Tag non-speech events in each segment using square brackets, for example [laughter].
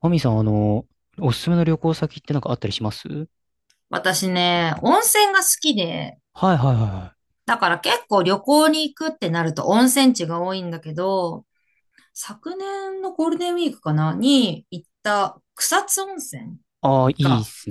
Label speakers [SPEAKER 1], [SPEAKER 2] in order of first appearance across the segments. [SPEAKER 1] マミさん、おすすめの旅行先ってなんかあったりします？
[SPEAKER 2] 私ね、温泉が好きで、
[SPEAKER 1] はいはいはいはい。
[SPEAKER 2] だから結構旅行に行くってなると温泉地が多いんだけど、昨年のゴールデンウィークかなに行った草津温泉
[SPEAKER 1] ああー、いいっ
[SPEAKER 2] が、
[SPEAKER 1] す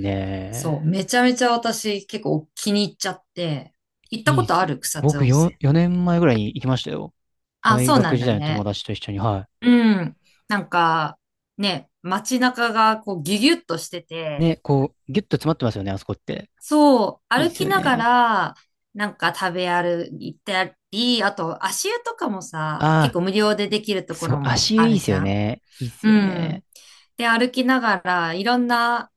[SPEAKER 2] そう、
[SPEAKER 1] ね。
[SPEAKER 2] めちゃめちゃ私結構気に入っちゃって、行った
[SPEAKER 1] い
[SPEAKER 2] こ
[SPEAKER 1] いっ
[SPEAKER 2] と
[SPEAKER 1] す
[SPEAKER 2] あ
[SPEAKER 1] ね。
[SPEAKER 2] る草津
[SPEAKER 1] 僕
[SPEAKER 2] 温泉。
[SPEAKER 1] 4年前ぐらいに行きましたよ。
[SPEAKER 2] あ、
[SPEAKER 1] 大
[SPEAKER 2] そうな
[SPEAKER 1] 学
[SPEAKER 2] ん
[SPEAKER 1] 時
[SPEAKER 2] だ
[SPEAKER 1] 代の友
[SPEAKER 2] ね。
[SPEAKER 1] 達と一緒に、は
[SPEAKER 2] うん。なんか、ね、街中がこうギュギュッとして
[SPEAKER 1] い。
[SPEAKER 2] て、
[SPEAKER 1] ね、こう、ギュッと詰まってますよね、あそこって。
[SPEAKER 2] そう、
[SPEAKER 1] いいっ
[SPEAKER 2] 歩
[SPEAKER 1] す
[SPEAKER 2] き
[SPEAKER 1] よ
[SPEAKER 2] なが
[SPEAKER 1] ね。
[SPEAKER 2] ら、なんか食べ歩いたり、あと足湯とかもさ、結
[SPEAKER 1] あ
[SPEAKER 2] 構無料でできる
[SPEAKER 1] あ、
[SPEAKER 2] とこ
[SPEAKER 1] そう、
[SPEAKER 2] ろも
[SPEAKER 1] 足湯
[SPEAKER 2] あ
[SPEAKER 1] いい
[SPEAKER 2] る
[SPEAKER 1] っす
[SPEAKER 2] じ
[SPEAKER 1] よ
[SPEAKER 2] ゃん。
[SPEAKER 1] ね。いいっす
[SPEAKER 2] う
[SPEAKER 1] よ
[SPEAKER 2] ん。
[SPEAKER 1] ね。
[SPEAKER 2] で、歩きながら、いろんな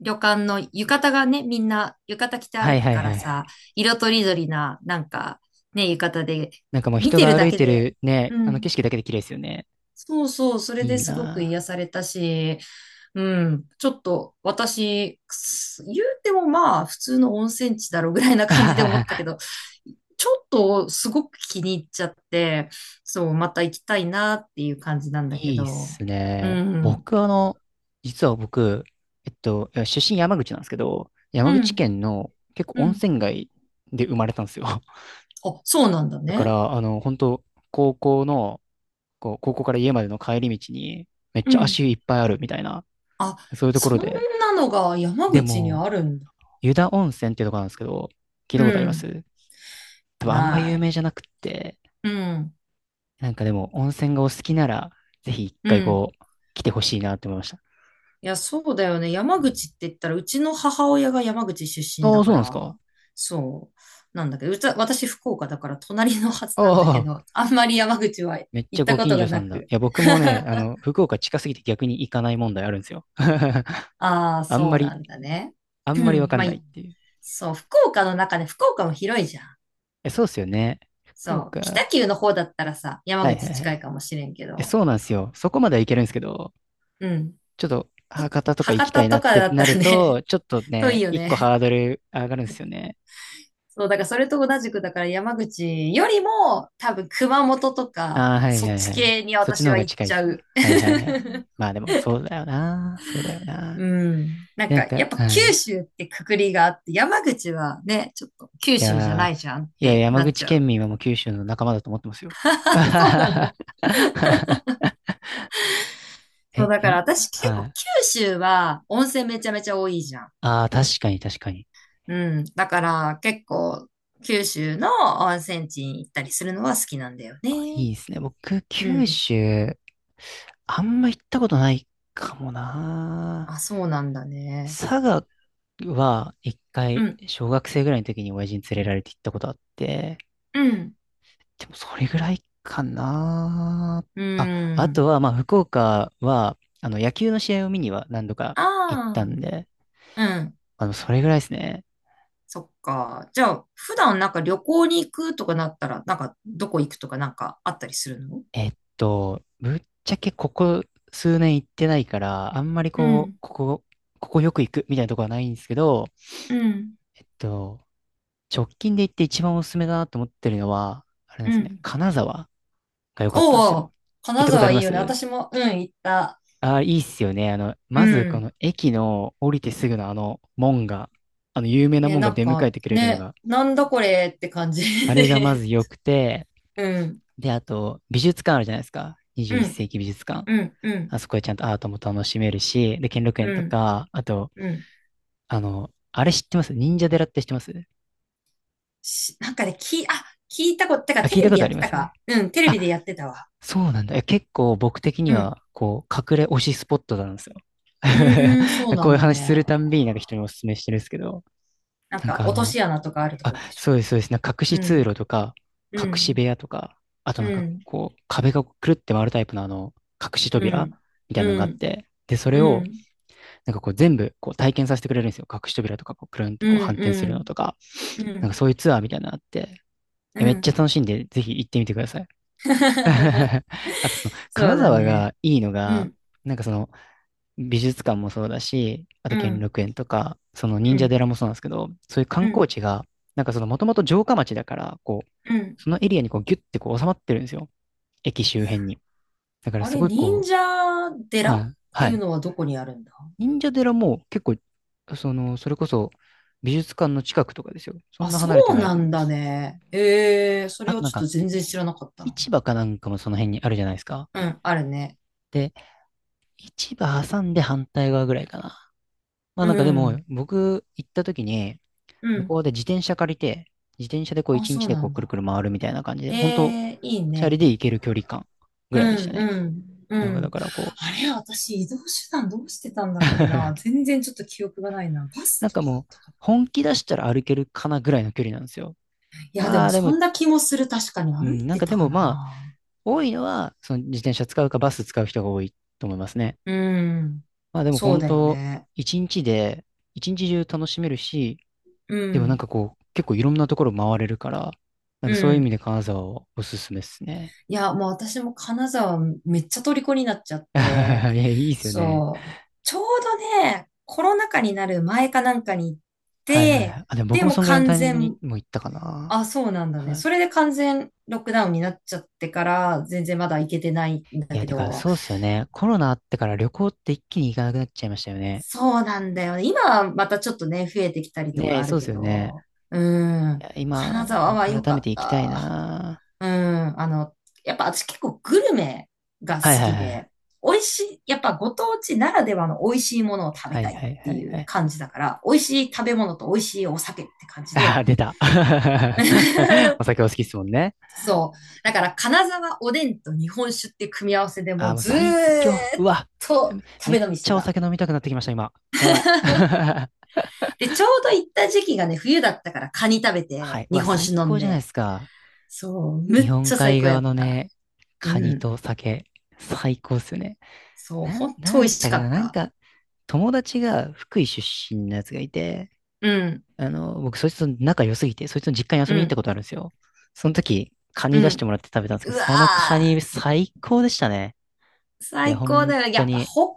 [SPEAKER 2] 旅館の浴衣がね、みんな浴衣着て
[SPEAKER 1] は
[SPEAKER 2] 歩
[SPEAKER 1] い
[SPEAKER 2] く
[SPEAKER 1] はい
[SPEAKER 2] か
[SPEAKER 1] は
[SPEAKER 2] ら
[SPEAKER 1] いは
[SPEAKER 2] さ、
[SPEAKER 1] い。
[SPEAKER 2] 色とりどりな、ね、浴衣で、
[SPEAKER 1] なんかもう
[SPEAKER 2] 見
[SPEAKER 1] 人
[SPEAKER 2] てる
[SPEAKER 1] が
[SPEAKER 2] だ
[SPEAKER 1] 歩い
[SPEAKER 2] け
[SPEAKER 1] て
[SPEAKER 2] で、
[SPEAKER 1] るね、
[SPEAKER 2] う
[SPEAKER 1] あの
[SPEAKER 2] ん。
[SPEAKER 1] 景色だけで綺麗ですよね。
[SPEAKER 2] そうそう、それ
[SPEAKER 1] いい
[SPEAKER 2] ですごく
[SPEAKER 1] な
[SPEAKER 2] 癒されたし、うん。ちょっと、私、くす言うてもまあ、普通の温泉地だろうぐらいな感じで思っ
[SPEAKER 1] あ。
[SPEAKER 2] たけ
[SPEAKER 1] [laughs]
[SPEAKER 2] ど、ちょっとすごく気に入っちゃって、そう、また行きたいなっていう感じなんだけ
[SPEAKER 1] いいっ
[SPEAKER 2] ど。
[SPEAKER 1] す
[SPEAKER 2] う
[SPEAKER 1] ね。
[SPEAKER 2] ん。
[SPEAKER 1] 僕、あの、実は僕、いや出身山口なんですけど、山
[SPEAKER 2] う
[SPEAKER 1] 口
[SPEAKER 2] ん。
[SPEAKER 1] 県の結
[SPEAKER 2] う
[SPEAKER 1] 構温
[SPEAKER 2] ん。
[SPEAKER 1] 泉街で生まれたんですよ。[laughs]
[SPEAKER 2] あ、そうなんだ
[SPEAKER 1] だか
[SPEAKER 2] ね。
[SPEAKER 1] ら、本当高校の、こう、高校から家までの帰り道に、めっ
[SPEAKER 2] う
[SPEAKER 1] ちゃ
[SPEAKER 2] ん。
[SPEAKER 1] 足湯いっぱいあるみたいな、
[SPEAKER 2] あ、
[SPEAKER 1] そういうとこ
[SPEAKER 2] そ
[SPEAKER 1] ろ
[SPEAKER 2] ん
[SPEAKER 1] で。
[SPEAKER 2] なのが山
[SPEAKER 1] で
[SPEAKER 2] 口に
[SPEAKER 1] も、
[SPEAKER 2] あるんだ。
[SPEAKER 1] 湯田温泉っていうところなんですけど、聞い
[SPEAKER 2] う
[SPEAKER 1] たことありま
[SPEAKER 2] ん。
[SPEAKER 1] す？多分あんま
[SPEAKER 2] な
[SPEAKER 1] 有名じゃ
[SPEAKER 2] い。
[SPEAKER 1] なくって、
[SPEAKER 2] うん。
[SPEAKER 1] なんかでも、温泉がお好きなら、ぜひ一
[SPEAKER 2] う
[SPEAKER 1] 回
[SPEAKER 2] ん。
[SPEAKER 1] こう、来てほしいなって思いました。
[SPEAKER 2] いや、そうだよね。山口って言ったら、うちの母親が山口出身
[SPEAKER 1] あ
[SPEAKER 2] だ
[SPEAKER 1] あ、そ
[SPEAKER 2] か
[SPEAKER 1] うなんです
[SPEAKER 2] ら、
[SPEAKER 1] か。
[SPEAKER 2] そう。なんだけど、うちは私福岡だから隣のはずなんだけ
[SPEAKER 1] ああ、
[SPEAKER 2] ど、[laughs] あんまり山口は
[SPEAKER 1] めっち
[SPEAKER 2] 行っ
[SPEAKER 1] ゃ
[SPEAKER 2] た
[SPEAKER 1] ご
[SPEAKER 2] こ
[SPEAKER 1] 近
[SPEAKER 2] と
[SPEAKER 1] 所
[SPEAKER 2] が
[SPEAKER 1] さ
[SPEAKER 2] な
[SPEAKER 1] んだ。
[SPEAKER 2] く。
[SPEAKER 1] いや、僕もね、
[SPEAKER 2] [laughs]
[SPEAKER 1] 福岡近すぎて逆に行かない問題あるんですよ。[laughs]
[SPEAKER 2] ああ、
[SPEAKER 1] あん
[SPEAKER 2] そ
[SPEAKER 1] ま
[SPEAKER 2] うな
[SPEAKER 1] り、
[SPEAKER 2] んだね。
[SPEAKER 1] あ
[SPEAKER 2] [clears throat] う
[SPEAKER 1] んまりわ
[SPEAKER 2] ん。
[SPEAKER 1] かん
[SPEAKER 2] まあ、
[SPEAKER 1] ないっ
[SPEAKER 2] い
[SPEAKER 1] ていう。
[SPEAKER 2] そう、福岡の中で、福岡も広いじゃん。
[SPEAKER 1] え、そうっすよね。福
[SPEAKER 2] そう。
[SPEAKER 1] 岡。は
[SPEAKER 2] 北
[SPEAKER 1] い
[SPEAKER 2] 九の方だったらさ、山
[SPEAKER 1] はいは
[SPEAKER 2] 口近い
[SPEAKER 1] い。
[SPEAKER 2] かもしれんけ
[SPEAKER 1] え、
[SPEAKER 2] ど、
[SPEAKER 1] そうなんですよ。
[SPEAKER 2] そ
[SPEAKER 1] そこまでは行けるんですけど、
[SPEAKER 2] う。うん。
[SPEAKER 1] ちょっと博多とか行
[SPEAKER 2] 博
[SPEAKER 1] きた
[SPEAKER 2] 多
[SPEAKER 1] いな
[SPEAKER 2] と
[SPEAKER 1] っ
[SPEAKER 2] か
[SPEAKER 1] て
[SPEAKER 2] だった
[SPEAKER 1] な
[SPEAKER 2] ら
[SPEAKER 1] る
[SPEAKER 2] ね、
[SPEAKER 1] と、ちょっと
[SPEAKER 2] [laughs] 遠い
[SPEAKER 1] ね、
[SPEAKER 2] よ
[SPEAKER 1] 一個
[SPEAKER 2] ね。
[SPEAKER 1] ハードル上がるんですよね。
[SPEAKER 2] そう、だからそれと同じく、だから山口よりも、多分熊本とか、
[SPEAKER 1] ああ、はい
[SPEAKER 2] そっ
[SPEAKER 1] はい
[SPEAKER 2] ち
[SPEAKER 1] はい。
[SPEAKER 2] 系に
[SPEAKER 1] そっち
[SPEAKER 2] 私
[SPEAKER 1] の方
[SPEAKER 2] は
[SPEAKER 1] が
[SPEAKER 2] 行っ
[SPEAKER 1] 近いで
[SPEAKER 2] ち
[SPEAKER 1] す
[SPEAKER 2] ゃ
[SPEAKER 1] か？
[SPEAKER 2] う。
[SPEAKER 1] はいはいはい。
[SPEAKER 2] [laughs]
[SPEAKER 1] まあでも、そうだよな。そうだよな。
[SPEAKER 2] うん。
[SPEAKER 1] なんか、
[SPEAKER 2] やっぱ
[SPEAKER 1] は
[SPEAKER 2] 九
[SPEAKER 1] い
[SPEAKER 2] 州ってくくりがあって、山口はね、ちょっと九
[SPEAKER 1] い
[SPEAKER 2] 州じゃ
[SPEAKER 1] や
[SPEAKER 2] ないじゃんっ
[SPEAKER 1] いや、
[SPEAKER 2] て
[SPEAKER 1] 山
[SPEAKER 2] なっ
[SPEAKER 1] 口
[SPEAKER 2] ちゃ
[SPEAKER 1] 県
[SPEAKER 2] う。
[SPEAKER 1] 民はもう九州の仲間だと思ってますよ。
[SPEAKER 2] [laughs] あ、そうなの。
[SPEAKER 1] [laughs]
[SPEAKER 2] そう、
[SPEAKER 1] え、
[SPEAKER 2] だか
[SPEAKER 1] や
[SPEAKER 2] ら
[SPEAKER 1] ん、
[SPEAKER 2] 私結
[SPEAKER 1] は
[SPEAKER 2] 構
[SPEAKER 1] い。
[SPEAKER 2] 九州は温泉めちゃめちゃ多いじゃん。
[SPEAKER 1] ああ、確かに確かに。
[SPEAKER 2] うん。だから結構九州の温泉地に行ったりするのは好きなんだよね。
[SPEAKER 1] あ、いいですね。僕、
[SPEAKER 2] う
[SPEAKER 1] 九
[SPEAKER 2] ん。
[SPEAKER 1] 州、あんま行ったことないかもな。
[SPEAKER 2] あ、そうなんだね。
[SPEAKER 1] 佐賀は一
[SPEAKER 2] う
[SPEAKER 1] 回、
[SPEAKER 2] ん。
[SPEAKER 1] 小学生ぐらいの時に親父に連れられて行ったことあって、
[SPEAKER 2] うん。
[SPEAKER 1] でもそれぐらいかな。
[SPEAKER 2] うー
[SPEAKER 1] あ、あと
[SPEAKER 2] ん。
[SPEAKER 1] は、まあ、福岡は、野球の試合を見には何度か行った
[SPEAKER 2] あ
[SPEAKER 1] んで、
[SPEAKER 2] あ、うん。
[SPEAKER 1] それぐらいですね。
[SPEAKER 2] そっか。じゃあ、普段なんか旅行に行くとかなったら、なんかどこ行くとかなんかあったりするの？
[SPEAKER 1] ぶっちゃけここ数年行ってないから、あんまり
[SPEAKER 2] う
[SPEAKER 1] こう、
[SPEAKER 2] ん、
[SPEAKER 1] ここよく行くみたいなとこはないんですけど、
[SPEAKER 2] うん、
[SPEAKER 1] えっと、直近で行って一番おすすめだなと思ってるのは、あれなん
[SPEAKER 2] う
[SPEAKER 1] ですよね、
[SPEAKER 2] ん。
[SPEAKER 1] 金沢が良かったんです
[SPEAKER 2] おお、
[SPEAKER 1] よ。行っ
[SPEAKER 2] 金
[SPEAKER 1] たことあ
[SPEAKER 2] 沢
[SPEAKER 1] り
[SPEAKER 2] い
[SPEAKER 1] ま
[SPEAKER 2] いよね。
[SPEAKER 1] す？
[SPEAKER 2] 私も、うん、行った。
[SPEAKER 1] ああー、いいっすよね。
[SPEAKER 2] う
[SPEAKER 1] まずこ
[SPEAKER 2] ん、
[SPEAKER 1] の駅の降りてすぐのあの門が、あの有名な
[SPEAKER 2] ね、
[SPEAKER 1] 門が出迎えてくれるの
[SPEAKER 2] ね、
[SPEAKER 1] が、
[SPEAKER 2] なんだこれって感じ
[SPEAKER 1] あれがま
[SPEAKER 2] で。
[SPEAKER 1] ず良くて、
[SPEAKER 2] [laughs] うん、
[SPEAKER 1] で、あと、美術館あるじゃないですか。
[SPEAKER 2] う
[SPEAKER 1] 21
[SPEAKER 2] ん、
[SPEAKER 1] 世紀美術館。
[SPEAKER 2] うん、うん、
[SPEAKER 1] あそこでちゃんとアートも楽しめるし、で、兼六園
[SPEAKER 2] う
[SPEAKER 1] と
[SPEAKER 2] ん、
[SPEAKER 1] か、あと、
[SPEAKER 2] うん、
[SPEAKER 1] あの、あれ知ってます忍者寺って知ってます？
[SPEAKER 2] し、なんかね、き、あ、聞いたこと、てか
[SPEAKER 1] あ、
[SPEAKER 2] テ
[SPEAKER 1] 聞い
[SPEAKER 2] レ
[SPEAKER 1] た
[SPEAKER 2] ビ
[SPEAKER 1] こ
[SPEAKER 2] で
[SPEAKER 1] とあ
[SPEAKER 2] やっ
[SPEAKER 1] り
[SPEAKER 2] て
[SPEAKER 1] ま
[SPEAKER 2] た
[SPEAKER 1] す？
[SPEAKER 2] か。うん、テレ
[SPEAKER 1] あ、
[SPEAKER 2] ビでやってたわ。
[SPEAKER 1] そうなんだ。いや結構僕的に
[SPEAKER 2] うん。
[SPEAKER 1] は、こう、隠れ推しスポットなんですよ。
[SPEAKER 2] うーん、そう
[SPEAKER 1] [laughs]
[SPEAKER 2] な
[SPEAKER 1] こう
[SPEAKER 2] ん
[SPEAKER 1] いう
[SPEAKER 2] だ
[SPEAKER 1] 話する
[SPEAKER 2] ね。
[SPEAKER 1] たんびになんか人にお勧めしてるんですけど、
[SPEAKER 2] なん
[SPEAKER 1] なん
[SPEAKER 2] か、
[SPEAKER 1] か
[SPEAKER 2] 落とし穴とかあると
[SPEAKER 1] あ、
[SPEAKER 2] ころでしょ。
[SPEAKER 1] そうです、そうです。なんか隠
[SPEAKER 2] う
[SPEAKER 1] し通
[SPEAKER 2] ん、
[SPEAKER 1] 路とか、
[SPEAKER 2] う
[SPEAKER 1] 隠し部
[SPEAKER 2] ん、
[SPEAKER 1] 屋とか、あとなん
[SPEAKER 2] う
[SPEAKER 1] か
[SPEAKER 2] ん、
[SPEAKER 1] こう、壁がくるって回るタイプの隠し
[SPEAKER 2] う
[SPEAKER 1] 扉
[SPEAKER 2] ん、
[SPEAKER 1] みたいなの
[SPEAKER 2] う
[SPEAKER 1] があっ
[SPEAKER 2] ん、
[SPEAKER 1] て、で、それ
[SPEAKER 2] うん、う
[SPEAKER 1] を
[SPEAKER 2] ん、
[SPEAKER 1] なんかこう全部こう体験させてくれるんですよ。隠し扉とかこうくるんって
[SPEAKER 2] う
[SPEAKER 1] こう反転するの
[SPEAKER 2] ん、
[SPEAKER 1] とか、
[SPEAKER 2] う
[SPEAKER 1] なんか
[SPEAKER 2] ん、
[SPEAKER 1] そういうツアーみたいなのあって、
[SPEAKER 2] う
[SPEAKER 1] めっちゃ
[SPEAKER 2] ん。
[SPEAKER 1] 楽しいんで、ぜひ行ってみてください。
[SPEAKER 2] [laughs]
[SPEAKER 1] [laughs] あとその、
[SPEAKER 2] そう
[SPEAKER 1] 金
[SPEAKER 2] だ
[SPEAKER 1] 沢
[SPEAKER 2] ね。
[SPEAKER 1] がいいの
[SPEAKER 2] う
[SPEAKER 1] が、
[SPEAKER 2] ん、
[SPEAKER 1] なんかその美術館もそうだし、あと
[SPEAKER 2] う
[SPEAKER 1] 兼
[SPEAKER 2] ん、
[SPEAKER 1] 六園とか、その
[SPEAKER 2] う
[SPEAKER 1] 忍者
[SPEAKER 2] ん、
[SPEAKER 1] 寺もそうなんですけど、そういう観
[SPEAKER 2] う
[SPEAKER 1] 光
[SPEAKER 2] ん、
[SPEAKER 1] 地が、なんかそのもともと城下町だから、こ
[SPEAKER 2] うん。
[SPEAKER 1] う、そのエリアにこうギュッてこう収まってるんですよ。駅周辺に。だから
[SPEAKER 2] あ
[SPEAKER 1] す
[SPEAKER 2] れ、
[SPEAKER 1] ごい
[SPEAKER 2] 忍
[SPEAKER 1] こう、
[SPEAKER 2] 者寺
[SPEAKER 1] は
[SPEAKER 2] っ
[SPEAKER 1] い、
[SPEAKER 2] て
[SPEAKER 1] は
[SPEAKER 2] いう
[SPEAKER 1] い。
[SPEAKER 2] のはどこにあるんだ？
[SPEAKER 1] 忍者寺も結構、それこそ美術館の近くとかですよ。そん
[SPEAKER 2] あ、
[SPEAKER 1] な
[SPEAKER 2] そ
[SPEAKER 1] 離れて
[SPEAKER 2] う
[SPEAKER 1] ない
[SPEAKER 2] な
[SPEAKER 1] と思
[SPEAKER 2] ん
[SPEAKER 1] いま
[SPEAKER 2] だ
[SPEAKER 1] す。
[SPEAKER 2] ね。ええ、そ
[SPEAKER 1] あ
[SPEAKER 2] れを
[SPEAKER 1] となん
[SPEAKER 2] ちょっと
[SPEAKER 1] か、
[SPEAKER 2] 全然知らなかったな。
[SPEAKER 1] 市場かなんかもその辺にあるじゃないですか。
[SPEAKER 2] うん、あるね。
[SPEAKER 1] で、市場挟んで反対側ぐらいかな。まあ
[SPEAKER 2] う
[SPEAKER 1] なんかでも、
[SPEAKER 2] ん、
[SPEAKER 1] 僕行った時に、
[SPEAKER 2] う
[SPEAKER 1] 向
[SPEAKER 2] ん。
[SPEAKER 1] こうで自転車借りて、自転車でこう
[SPEAKER 2] あ、
[SPEAKER 1] 一
[SPEAKER 2] そ
[SPEAKER 1] 日
[SPEAKER 2] う
[SPEAKER 1] で
[SPEAKER 2] な
[SPEAKER 1] こう
[SPEAKER 2] ん
[SPEAKER 1] くるく
[SPEAKER 2] だ。
[SPEAKER 1] る回るみたいな感じで、
[SPEAKER 2] え
[SPEAKER 1] 本当
[SPEAKER 2] え、いい
[SPEAKER 1] チャリ
[SPEAKER 2] ね。
[SPEAKER 1] で行ける距離感ぐ
[SPEAKER 2] う
[SPEAKER 1] らいでした
[SPEAKER 2] んう
[SPEAKER 1] ね。
[SPEAKER 2] ん。う
[SPEAKER 1] なんかだ
[SPEAKER 2] ん。
[SPEAKER 1] からこ
[SPEAKER 2] あれ、私移動手段どうしてたんだっけな。
[SPEAKER 1] う [laughs]
[SPEAKER 2] 全然ちょっと記憶がないな。バス
[SPEAKER 1] なん
[SPEAKER 2] と
[SPEAKER 1] か
[SPEAKER 2] かだっ
[SPEAKER 1] もう、
[SPEAKER 2] たか
[SPEAKER 1] 本気出したら歩けるかなぐらいの距離なんですよ。
[SPEAKER 2] な。いや、で
[SPEAKER 1] ま
[SPEAKER 2] も
[SPEAKER 1] あで
[SPEAKER 2] そ
[SPEAKER 1] も、
[SPEAKER 2] んな気もする。確かに
[SPEAKER 1] う
[SPEAKER 2] 歩
[SPEAKER 1] ん、
[SPEAKER 2] い
[SPEAKER 1] なん
[SPEAKER 2] て
[SPEAKER 1] かで
[SPEAKER 2] たか
[SPEAKER 1] も
[SPEAKER 2] な。
[SPEAKER 1] 多いのは、その自転車使うかバス使う人が多いと思いますね。
[SPEAKER 2] うん。
[SPEAKER 1] まあでも
[SPEAKER 2] そう
[SPEAKER 1] 本
[SPEAKER 2] だよ
[SPEAKER 1] 当、
[SPEAKER 2] ね。
[SPEAKER 1] 一日で、一日中楽しめるし、
[SPEAKER 2] う
[SPEAKER 1] でもなん
[SPEAKER 2] ん。
[SPEAKER 1] かこう、結構いろんなところ回れるから、なん
[SPEAKER 2] う
[SPEAKER 1] かそういう意味
[SPEAKER 2] ん。
[SPEAKER 1] で金沢はおすすめですね。
[SPEAKER 2] いや、もう私も金沢めっちゃ虜になっちゃっ
[SPEAKER 1] [laughs] い
[SPEAKER 2] て。
[SPEAKER 1] や、いいですよね。
[SPEAKER 2] そう。ちょうどね、コロナ禍になる前かなんかに行っ
[SPEAKER 1] はいはいは
[SPEAKER 2] て、
[SPEAKER 1] い。あ、でも僕
[SPEAKER 2] で
[SPEAKER 1] も
[SPEAKER 2] もう
[SPEAKER 1] そんぐらいの
[SPEAKER 2] 完
[SPEAKER 1] タイミングに
[SPEAKER 2] 全、
[SPEAKER 1] も行ったかな。
[SPEAKER 2] あ、そうなんだね。
[SPEAKER 1] は
[SPEAKER 2] そ
[SPEAKER 1] い。
[SPEAKER 2] れで完全ロックダウンになっちゃってから、全然まだ行けてないん
[SPEAKER 1] い
[SPEAKER 2] だ
[SPEAKER 1] や、
[SPEAKER 2] け
[SPEAKER 1] てか、
[SPEAKER 2] ど、
[SPEAKER 1] そうっすよね。コロナあってから旅行って一気に行かなくなっちゃいましたよね。
[SPEAKER 2] そうなんだよね。今はまたちょっとね、増えてきたりと
[SPEAKER 1] ね
[SPEAKER 2] か
[SPEAKER 1] え、
[SPEAKER 2] あ
[SPEAKER 1] そ
[SPEAKER 2] る
[SPEAKER 1] うっす
[SPEAKER 2] け
[SPEAKER 1] よね。
[SPEAKER 2] ど、う
[SPEAKER 1] い
[SPEAKER 2] ん、
[SPEAKER 1] や今、
[SPEAKER 2] 金
[SPEAKER 1] な
[SPEAKER 2] 沢
[SPEAKER 1] ん
[SPEAKER 2] は
[SPEAKER 1] か
[SPEAKER 2] 良
[SPEAKER 1] 改
[SPEAKER 2] か
[SPEAKER 1] め
[SPEAKER 2] っ
[SPEAKER 1] て行きたい
[SPEAKER 2] た。
[SPEAKER 1] な。
[SPEAKER 2] うん、やっぱ私結構グルメが
[SPEAKER 1] はい
[SPEAKER 2] 好
[SPEAKER 1] はい
[SPEAKER 2] き
[SPEAKER 1] はい。
[SPEAKER 2] で、美味しい、やっぱご当地ならではの美味しいものを食べ
[SPEAKER 1] はい
[SPEAKER 2] たいっ
[SPEAKER 1] はい
[SPEAKER 2] て
[SPEAKER 1] はい
[SPEAKER 2] い
[SPEAKER 1] は
[SPEAKER 2] う
[SPEAKER 1] い。
[SPEAKER 2] 感じだから、美味しい食べ物と美味しいお酒って感じ
[SPEAKER 1] あ
[SPEAKER 2] で、
[SPEAKER 1] あ、出た。[laughs] お
[SPEAKER 2] [laughs]
[SPEAKER 1] 酒お好きっすもんね。
[SPEAKER 2] そう。だから、金沢おでんと日本酒って組み合わせで
[SPEAKER 1] あ
[SPEAKER 2] も
[SPEAKER 1] あ、
[SPEAKER 2] う
[SPEAKER 1] もう
[SPEAKER 2] ず
[SPEAKER 1] 最強。
[SPEAKER 2] ー
[SPEAKER 1] う
[SPEAKER 2] っ
[SPEAKER 1] わ。
[SPEAKER 2] と食
[SPEAKER 1] めっ
[SPEAKER 2] べ飲みし
[SPEAKER 1] ち
[SPEAKER 2] て
[SPEAKER 1] ゃお
[SPEAKER 2] た。
[SPEAKER 1] 酒飲みたくなってきました、今。やばい。
[SPEAKER 2] [laughs]
[SPEAKER 1] [laughs]
[SPEAKER 2] で、ちょうど行った時期がね、冬だったからカニ食べ
[SPEAKER 1] は
[SPEAKER 2] て、
[SPEAKER 1] い。う
[SPEAKER 2] 日
[SPEAKER 1] わ、
[SPEAKER 2] 本
[SPEAKER 1] 最
[SPEAKER 2] 酒飲ん
[SPEAKER 1] 高じゃないで
[SPEAKER 2] で。
[SPEAKER 1] すか。
[SPEAKER 2] そう、む
[SPEAKER 1] 日
[SPEAKER 2] っ
[SPEAKER 1] 本
[SPEAKER 2] ちゃ最
[SPEAKER 1] 海
[SPEAKER 2] 高や
[SPEAKER 1] 側
[SPEAKER 2] っ
[SPEAKER 1] の
[SPEAKER 2] た。
[SPEAKER 1] ね、
[SPEAKER 2] う
[SPEAKER 1] カニ
[SPEAKER 2] ん。
[SPEAKER 1] と酒、最高っすよね。
[SPEAKER 2] そう、
[SPEAKER 1] な、
[SPEAKER 2] ほん
[SPEAKER 1] な
[SPEAKER 2] と美
[SPEAKER 1] んだ
[SPEAKER 2] 味
[SPEAKER 1] っ
[SPEAKER 2] し
[SPEAKER 1] たか
[SPEAKER 2] か
[SPEAKER 1] な、
[SPEAKER 2] っ
[SPEAKER 1] なん
[SPEAKER 2] た。
[SPEAKER 1] か、友達が福井出身のやつがいて、
[SPEAKER 2] うん、
[SPEAKER 1] 僕、そいつと仲良すぎて、そいつの実家に遊
[SPEAKER 2] う
[SPEAKER 1] びに行った
[SPEAKER 2] ん、
[SPEAKER 1] ことあるんですよ。その時、カ
[SPEAKER 2] う
[SPEAKER 1] ニ出して
[SPEAKER 2] ん。
[SPEAKER 1] もらって食べたんですけ
[SPEAKER 2] う
[SPEAKER 1] ど、
[SPEAKER 2] わ
[SPEAKER 1] そのカニ
[SPEAKER 2] ー、
[SPEAKER 1] 最高でしたね。いや、
[SPEAKER 2] 最高
[SPEAKER 1] 本
[SPEAKER 2] だよ。や
[SPEAKER 1] 当
[SPEAKER 2] っぱ
[SPEAKER 1] に。
[SPEAKER 2] 北陸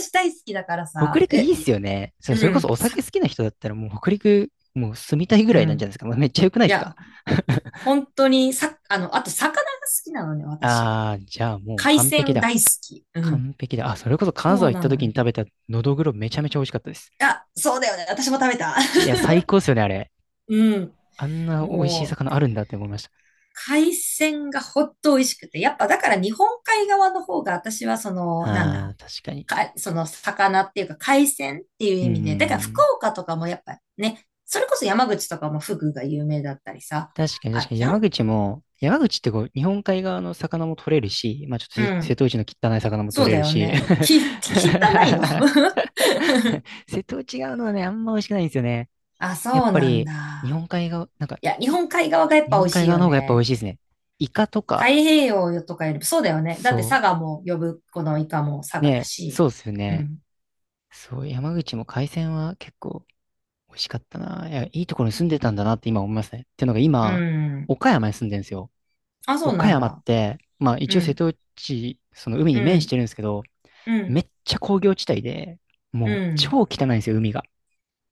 [SPEAKER 2] 私大好きだから
[SPEAKER 1] 北
[SPEAKER 2] さ。
[SPEAKER 1] 陸い
[SPEAKER 2] え、
[SPEAKER 1] いっ
[SPEAKER 2] い、
[SPEAKER 1] すよね。そそ
[SPEAKER 2] う
[SPEAKER 1] れこそ
[SPEAKER 2] ん、
[SPEAKER 1] お酒
[SPEAKER 2] さ、
[SPEAKER 1] 好きな人だったらもう北陸、もう住みたいぐ
[SPEAKER 2] う
[SPEAKER 1] らいなんじゃな
[SPEAKER 2] ん。
[SPEAKER 1] いですか。まあめっちゃ良くない
[SPEAKER 2] い
[SPEAKER 1] ですか？
[SPEAKER 2] や、本当に、さ、あと魚が好きなのね、
[SPEAKER 1] [laughs]
[SPEAKER 2] 私。
[SPEAKER 1] ああ、じゃあもう
[SPEAKER 2] 海
[SPEAKER 1] 完璧
[SPEAKER 2] 鮮
[SPEAKER 1] だ。
[SPEAKER 2] 大好き。うん。
[SPEAKER 1] 完璧だ。あ、それこそ金
[SPEAKER 2] そ
[SPEAKER 1] 沢
[SPEAKER 2] う
[SPEAKER 1] 行っ
[SPEAKER 2] な
[SPEAKER 1] た
[SPEAKER 2] の
[SPEAKER 1] 時に
[SPEAKER 2] よ。
[SPEAKER 1] 食べたのどぐろめちゃめちゃ美味しかったです。
[SPEAKER 2] あ、そうだよね。私も食べた。
[SPEAKER 1] いや、最高っすよね、あれ。
[SPEAKER 2] [laughs] うん。
[SPEAKER 1] あんな美味しい
[SPEAKER 2] もう、
[SPEAKER 1] 魚あるんだって思いました。
[SPEAKER 2] 海鮮がほっと美味しくて。やっぱだから日本海側の方が私はその、なん
[SPEAKER 1] ああ、
[SPEAKER 2] だ、
[SPEAKER 1] 確かに。
[SPEAKER 2] か、その魚っていうか海鮮っていう
[SPEAKER 1] うん
[SPEAKER 2] 意
[SPEAKER 1] う
[SPEAKER 2] 味
[SPEAKER 1] ん
[SPEAKER 2] で。だから
[SPEAKER 1] う
[SPEAKER 2] 福
[SPEAKER 1] ん。
[SPEAKER 2] 岡とかもやっぱね、それこそ山口とかもフグが有名だったりさ、
[SPEAKER 1] 確かに
[SPEAKER 2] あ
[SPEAKER 1] 確
[SPEAKER 2] る
[SPEAKER 1] かに
[SPEAKER 2] じゃん。
[SPEAKER 1] 山口ってこう、日本海側の魚も取れるし、まあちょっと
[SPEAKER 2] う
[SPEAKER 1] 瀬
[SPEAKER 2] ん。
[SPEAKER 1] 戸内の汚い魚も
[SPEAKER 2] そう
[SPEAKER 1] 取れ
[SPEAKER 2] だ
[SPEAKER 1] る
[SPEAKER 2] よ
[SPEAKER 1] し、
[SPEAKER 2] ね。き、[laughs]
[SPEAKER 1] [laughs]
[SPEAKER 2] 汚いの。
[SPEAKER 1] [laughs] 瀬戸内側のはね、あんま美味しくないんですよね。
[SPEAKER 2] [laughs] あ、
[SPEAKER 1] やっ
[SPEAKER 2] そう
[SPEAKER 1] ぱ
[SPEAKER 2] なん
[SPEAKER 1] り、日
[SPEAKER 2] だ。
[SPEAKER 1] 本海側、なんか、
[SPEAKER 2] いや、日
[SPEAKER 1] い
[SPEAKER 2] 本海側がやっ
[SPEAKER 1] 日
[SPEAKER 2] ぱ美
[SPEAKER 1] 本
[SPEAKER 2] 味
[SPEAKER 1] 海
[SPEAKER 2] しい
[SPEAKER 1] 側
[SPEAKER 2] よ
[SPEAKER 1] の方がやっぱ美
[SPEAKER 2] ね。
[SPEAKER 1] 味しいですね。イカと
[SPEAKER 2] 太
[SPEAKER 1] か、
[SPEAKER 2] 平洋とかよりそうだよね。だって
[SPEAKER 1] そ
[SPEAKER 2] 佐賀も呼ぶ、このイカも佐
[SPEAKER 1] う。
[SPEAKER 2] 賀だ
[SPEAKER 1] ね、
[SPEAKER 2] し。
[SPEAKER 1] そうですよ
[SPEAKER 2] う
[SPEAKER 1] ね。
[SPEAKER 2] ん。
[SPEAKER 1] そう、山口も海鮮は結構美味しかったな。いや、いいところに住んでたんだなって今思いますね。っていうのが
[SPEAKER 2] う
[SPEAKER 1] 今、
[SPEAKER 2] ん。
[SPEAKER 1] 岡山に住んでるんですよ。
[SPEAKER 2] あ、そう
[SPEAKER 1] 岡
[SPEAKER 2] なん
[SPEAKER 1] 山っ
[SPEAKER 2] だ。
[SPEAKER 1] て、まあ
[SPEAKER 2] う
[SPEAKER 1] 一応瀬
[SPEAKER 2] ん。
[SPEAKER 1] 戸内、その海
[SPEAKER 2] う
[SPEAKER 1] に面し
[SPEAKER 2] ん。
[SPEAKER 1] てるんですけど、
[SPEAKER 2] う
[SPEAKER 1] め
[SPEAKER 2] ん。
[SPEAKER 1] っちゃ工業地帯で、
[SPEAKER 2] う
[SPEAKER 1] もう
[SPEAKER 2] ん。
[SPEAKER 1] 超汚いんですよ、海が。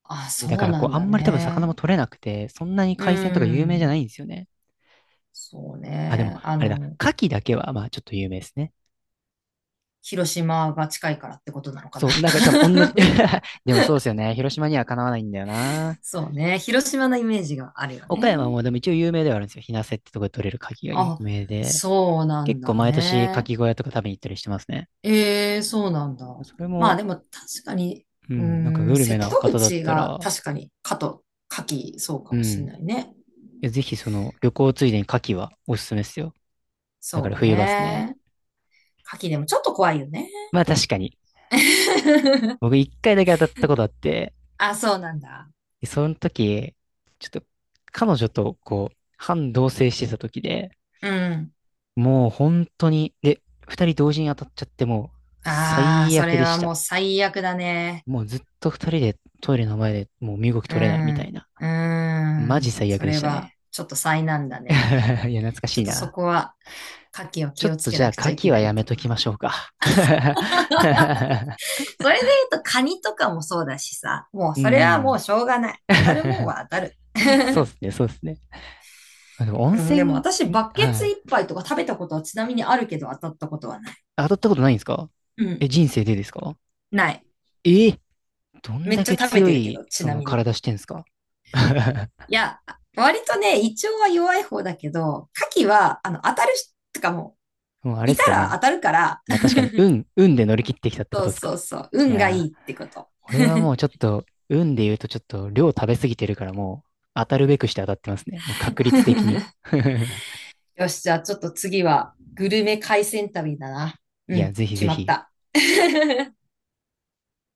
[SPEAKER 2] あ、
[SPEAKER 1] で、だか
[SPEAKER 2] そう
[SPEAKER 1] ら
[SPEAKER 2] な
[SPEAKER 1] こ
[SPEAKER 2] ん
[SPEAKER 1] う、あ
[SPEAKER 2] だ
[SPEAKER 1] んまり多分魚
[SPEAKER 2] ね。
[SPEAKER 1] も取れなくて、そんなに
[SPEAKER 2] う
[SPEAKER 1] 海鮮とか有名じゃな
[SPEAKER 2] ん。
[SPEAKER 1] いんですよね。
[SPEAKER 2] そう
[SPEAKER 1] あ、でも、
[SPEAKER 2] ね。
[SPEAKER 1] あれだ、牡蠣だけは、まあ、ちょっと有名ですね。
[SPEAKER 2] 広島が近いからってことなのかな。
[SPEAKER 1] そう、なんか多分同じ
[SPEAKER 2] [laughs]
[SPEAKER 1] [laughs] でもそうですよね。広島にはかなわないんだよな。
[SPEAKER 2] そうね。広島のイメージがあるよ
[SPEAKER 1] 岡
[SPEAKER 2] ね。
[SPEAKER 1] 山もでも一応有名ではあるんですよ。日生ってとこで取れる牡蠣が有
[SPEAKER 2] あ、
[SPEAKER 1] 名で。
[SPEAKER 2] そうなん
[SPEAKER 1] 結構
[SPEAKER 2] だ
[SPEAKER 1] 毎年牡
[SPEAKER 2] ね。
[SPEAKER 1] 蠣小屋とか食べに行ったりしてますね。
[SPEAKER 2] ええ、そうなんだ。
[SPEAKER 1] それ
[SPEAKER 2] まあ
[SPEAKER 1] も、
[SPEAKER 2] でも確かに、
[SPEAKER 1] う
[SPEAKER 2] う
[SPEAKER 1] ん、なんか
[SPEAKER 2] ー
[SPEAKER 1] グ
[SPEAKER 2] ん、
[SPEAKER 1] ル
[SPEAKER 2] 瀬
[SPEAKER 1] メな
[SPEAKER 2] 戸
[SPEAKER 1] 方だっ
[SPEAKER 2] 口
[SPEAKER 1] た
[SPEAKER 2] が
[SPEAKER 1] ら、
[SPEAKER 2] 確かに、かと、かき、そうか
[SPEAKER 1] う
[SPEAKER 2] もしん
[SPEAKER 1] ん、
[SPEAKER 2] ないね。
[SPEAKER 1] ぜひその旅行ついでに牡蠣はおすすめですよ。だか
[SPEAKER 2] そ
[SPEAKER 1] ら
[SPEAKER 2] う
[SPEAKER 1] 冬場ですね。
[SPEAKER 2] ね。かきでもちょっと怖いよね。
[SPEAKER 1] まあ確かに、
[SPEAKER 2] [laughs]
[SPEAKER 1] 僕一回だけ当たったことあって、
[SPEAKER 2] あ、そうなんだ。
[SPEAKER 1] でその時、ちょっと彼女とこう、半同棲してた時で、
[SPEAKER 2] うん。
[SPEAKER 1] もう本当に、で、二人同時に当たっちゃってもう
[SPEAKER 2] ああ、
[SPEAKER 1] 最
[SPEAKER 2] そ
[SPEAKER 1] 悪
[SPEAKER 2] れ
[SPEAKER 1] で
[SPEAKER 2] は
[SPEAKER 1] した。
[SPEAKER 2] もう最悪だね。
[SPEAKER 1] もうずっと二人でトイレの前でもう身動き
[SPEAKER 2] う
[SPEAKER 1] 取れないみたい
[SPEAKER 2] ん。
[SPEAKER 1] な。
[SPEAKER 2] う
[SPEAKER 1] マジ
[SPEAKER 2] ん。
[SPEAKER 1] 最悪
[SPEAKER 2] そ
[SPEAKER 1] で
[SPEAKER 2] れ
[SPEAKER 1] した
[SPEAKER 2] は、
[SPEAKER 1] ね。
[SPEAKER 2] ちょっと災難だね。
[SPEAKER 1] [laughs] いや、懐か
[SPEAKER 2] ち
[SPEAKER 1] し
[SPEAKER 2] ょ
[SPEAKER 1] い
[SPEAKER 2] っとそ
[SPEAKER 1] な。
[SPEAKER 2] こは、牡蠣を
[SPEAKER 1] ちょ
[SPEAKER 2] 気
[SPEAKER 1] っ
[SPEAKER 2] をつ
[SPEAKER 1] と
[SPEAKER 2] け
[SPEAKER 1] じゃあ、
[SPEAKER 2] なく
[SPEAKER 1] 牡
[SPEAKER 2] ちゃいけ
[SPEAKER 1] 蠣は
[SPEAKER 2] な
[SPEAKER 1] や
[SPEAKER 2] い
[SPEAKER 1] め
[SPEAKER 2] と
[SPEAKER 1] と
[SPEAKER 2] こ
[SPEAKER 1] き
[SPEAKER 2] ろ。
[SPEAKER 1] ましょうか。[laughs]
[SPEAKER 2] それで言うと、カニとかもそうだしさ、もう
[SPEAKER 1] うん、
[SPEAKER 2] それはもうしょうがない。
[SPEAKER 1] うん。
[SPEAKER 2] 当たるもん
[SPEAKER 1] [laughs]
[SPEAKER 2] は当たる。
[SPEAKER 1] そうですね、そうですね。あ、でも温
[SPEAKER 2] うん、
[SPEAKER 1] 泉、
[SPEAKER 2] でも私、バケ
[SPEAKER 1] は
[SPEAKER 2] ツ
[SPEAKER 1] い。
[SPEAKER 2] 一杯とか食べたことはちなみにあるけど当たったことはない。
[SPEAKER 1] 当たったことないんですか？
[SPEAKER 2] うん、
[SPEAKER 1] え、人生でですか？
[SPEAKER 2] ない。
[SPEAKER 1] え、どん
[SPEAKER 2] めっ
[SPEAKER 1] だ
[SPEAKER 2] ちゃ
[SPEAKER 1] け
[SPEAKER 2] 食べ
[SPEAKER 1] 強
[SPEAKER 2] てるけ
[SPEAKER 1] い、
[SPEAKER 2] ど、ち
[SPEAKER 1] そ
[SPEAKER 2] な
[SPEAKER 1] の
[SPEAKER 2] みに。
[SPEAKER 1] 体してんすか？ [laughs]
[SPEAKER 2] いや、割とね、胃腸は弱い方だけど、牡蠣は、当たるし、とかもう、
[SPEAKER 1] もうあれっ
[SPEAKER 2] い
[SPEAKER 1] す
[SPEAKER 2] た
[SPEAKER 1] か
[SPEAKER 2] ら当
[SPEAKER 1] ね。
[SPEAKER 2] たるから、
[SPEAKER 1] まあ確かに、運で乗り切ってきたっ
[SPEAKER 2] [laughs]
[SPEAKER 1] てこ
[SPEAKER 2] そう
[SPEAKER 1] とですか？
[SPEAKER 2] そうそう、
[SPEAKER 1] い
[SPEAKER 2] 運がいい
[SPEAKER 1] や
[SPEAKER 2] っ
[SPEAKER 1] ー、
[SPEAKER 2] てこと。
[SPEAKER 1] 俺はもうちょっと、運で言うとちょっと量食べ過ぎてるからもう、当たるべくして当たってますね。もう確率的に。
[SPEAKER 2] [laughs]
[SPEAKER 1] [laughs]
[SPEAKER 2] よし、じゃあちょっと次は、グルメ海鮮旅だな。う
[SPEAKER 1] いや、
[SPEAKER 2] ん、
[SPEAKER 1] ぜひ
[SPEAKER 2] 決
[SPEAKER 1] ぜ
[SPEAKER 2] まっ
[SPEAKER 1] ひ。
[SPEAKER 2] た。[laughs]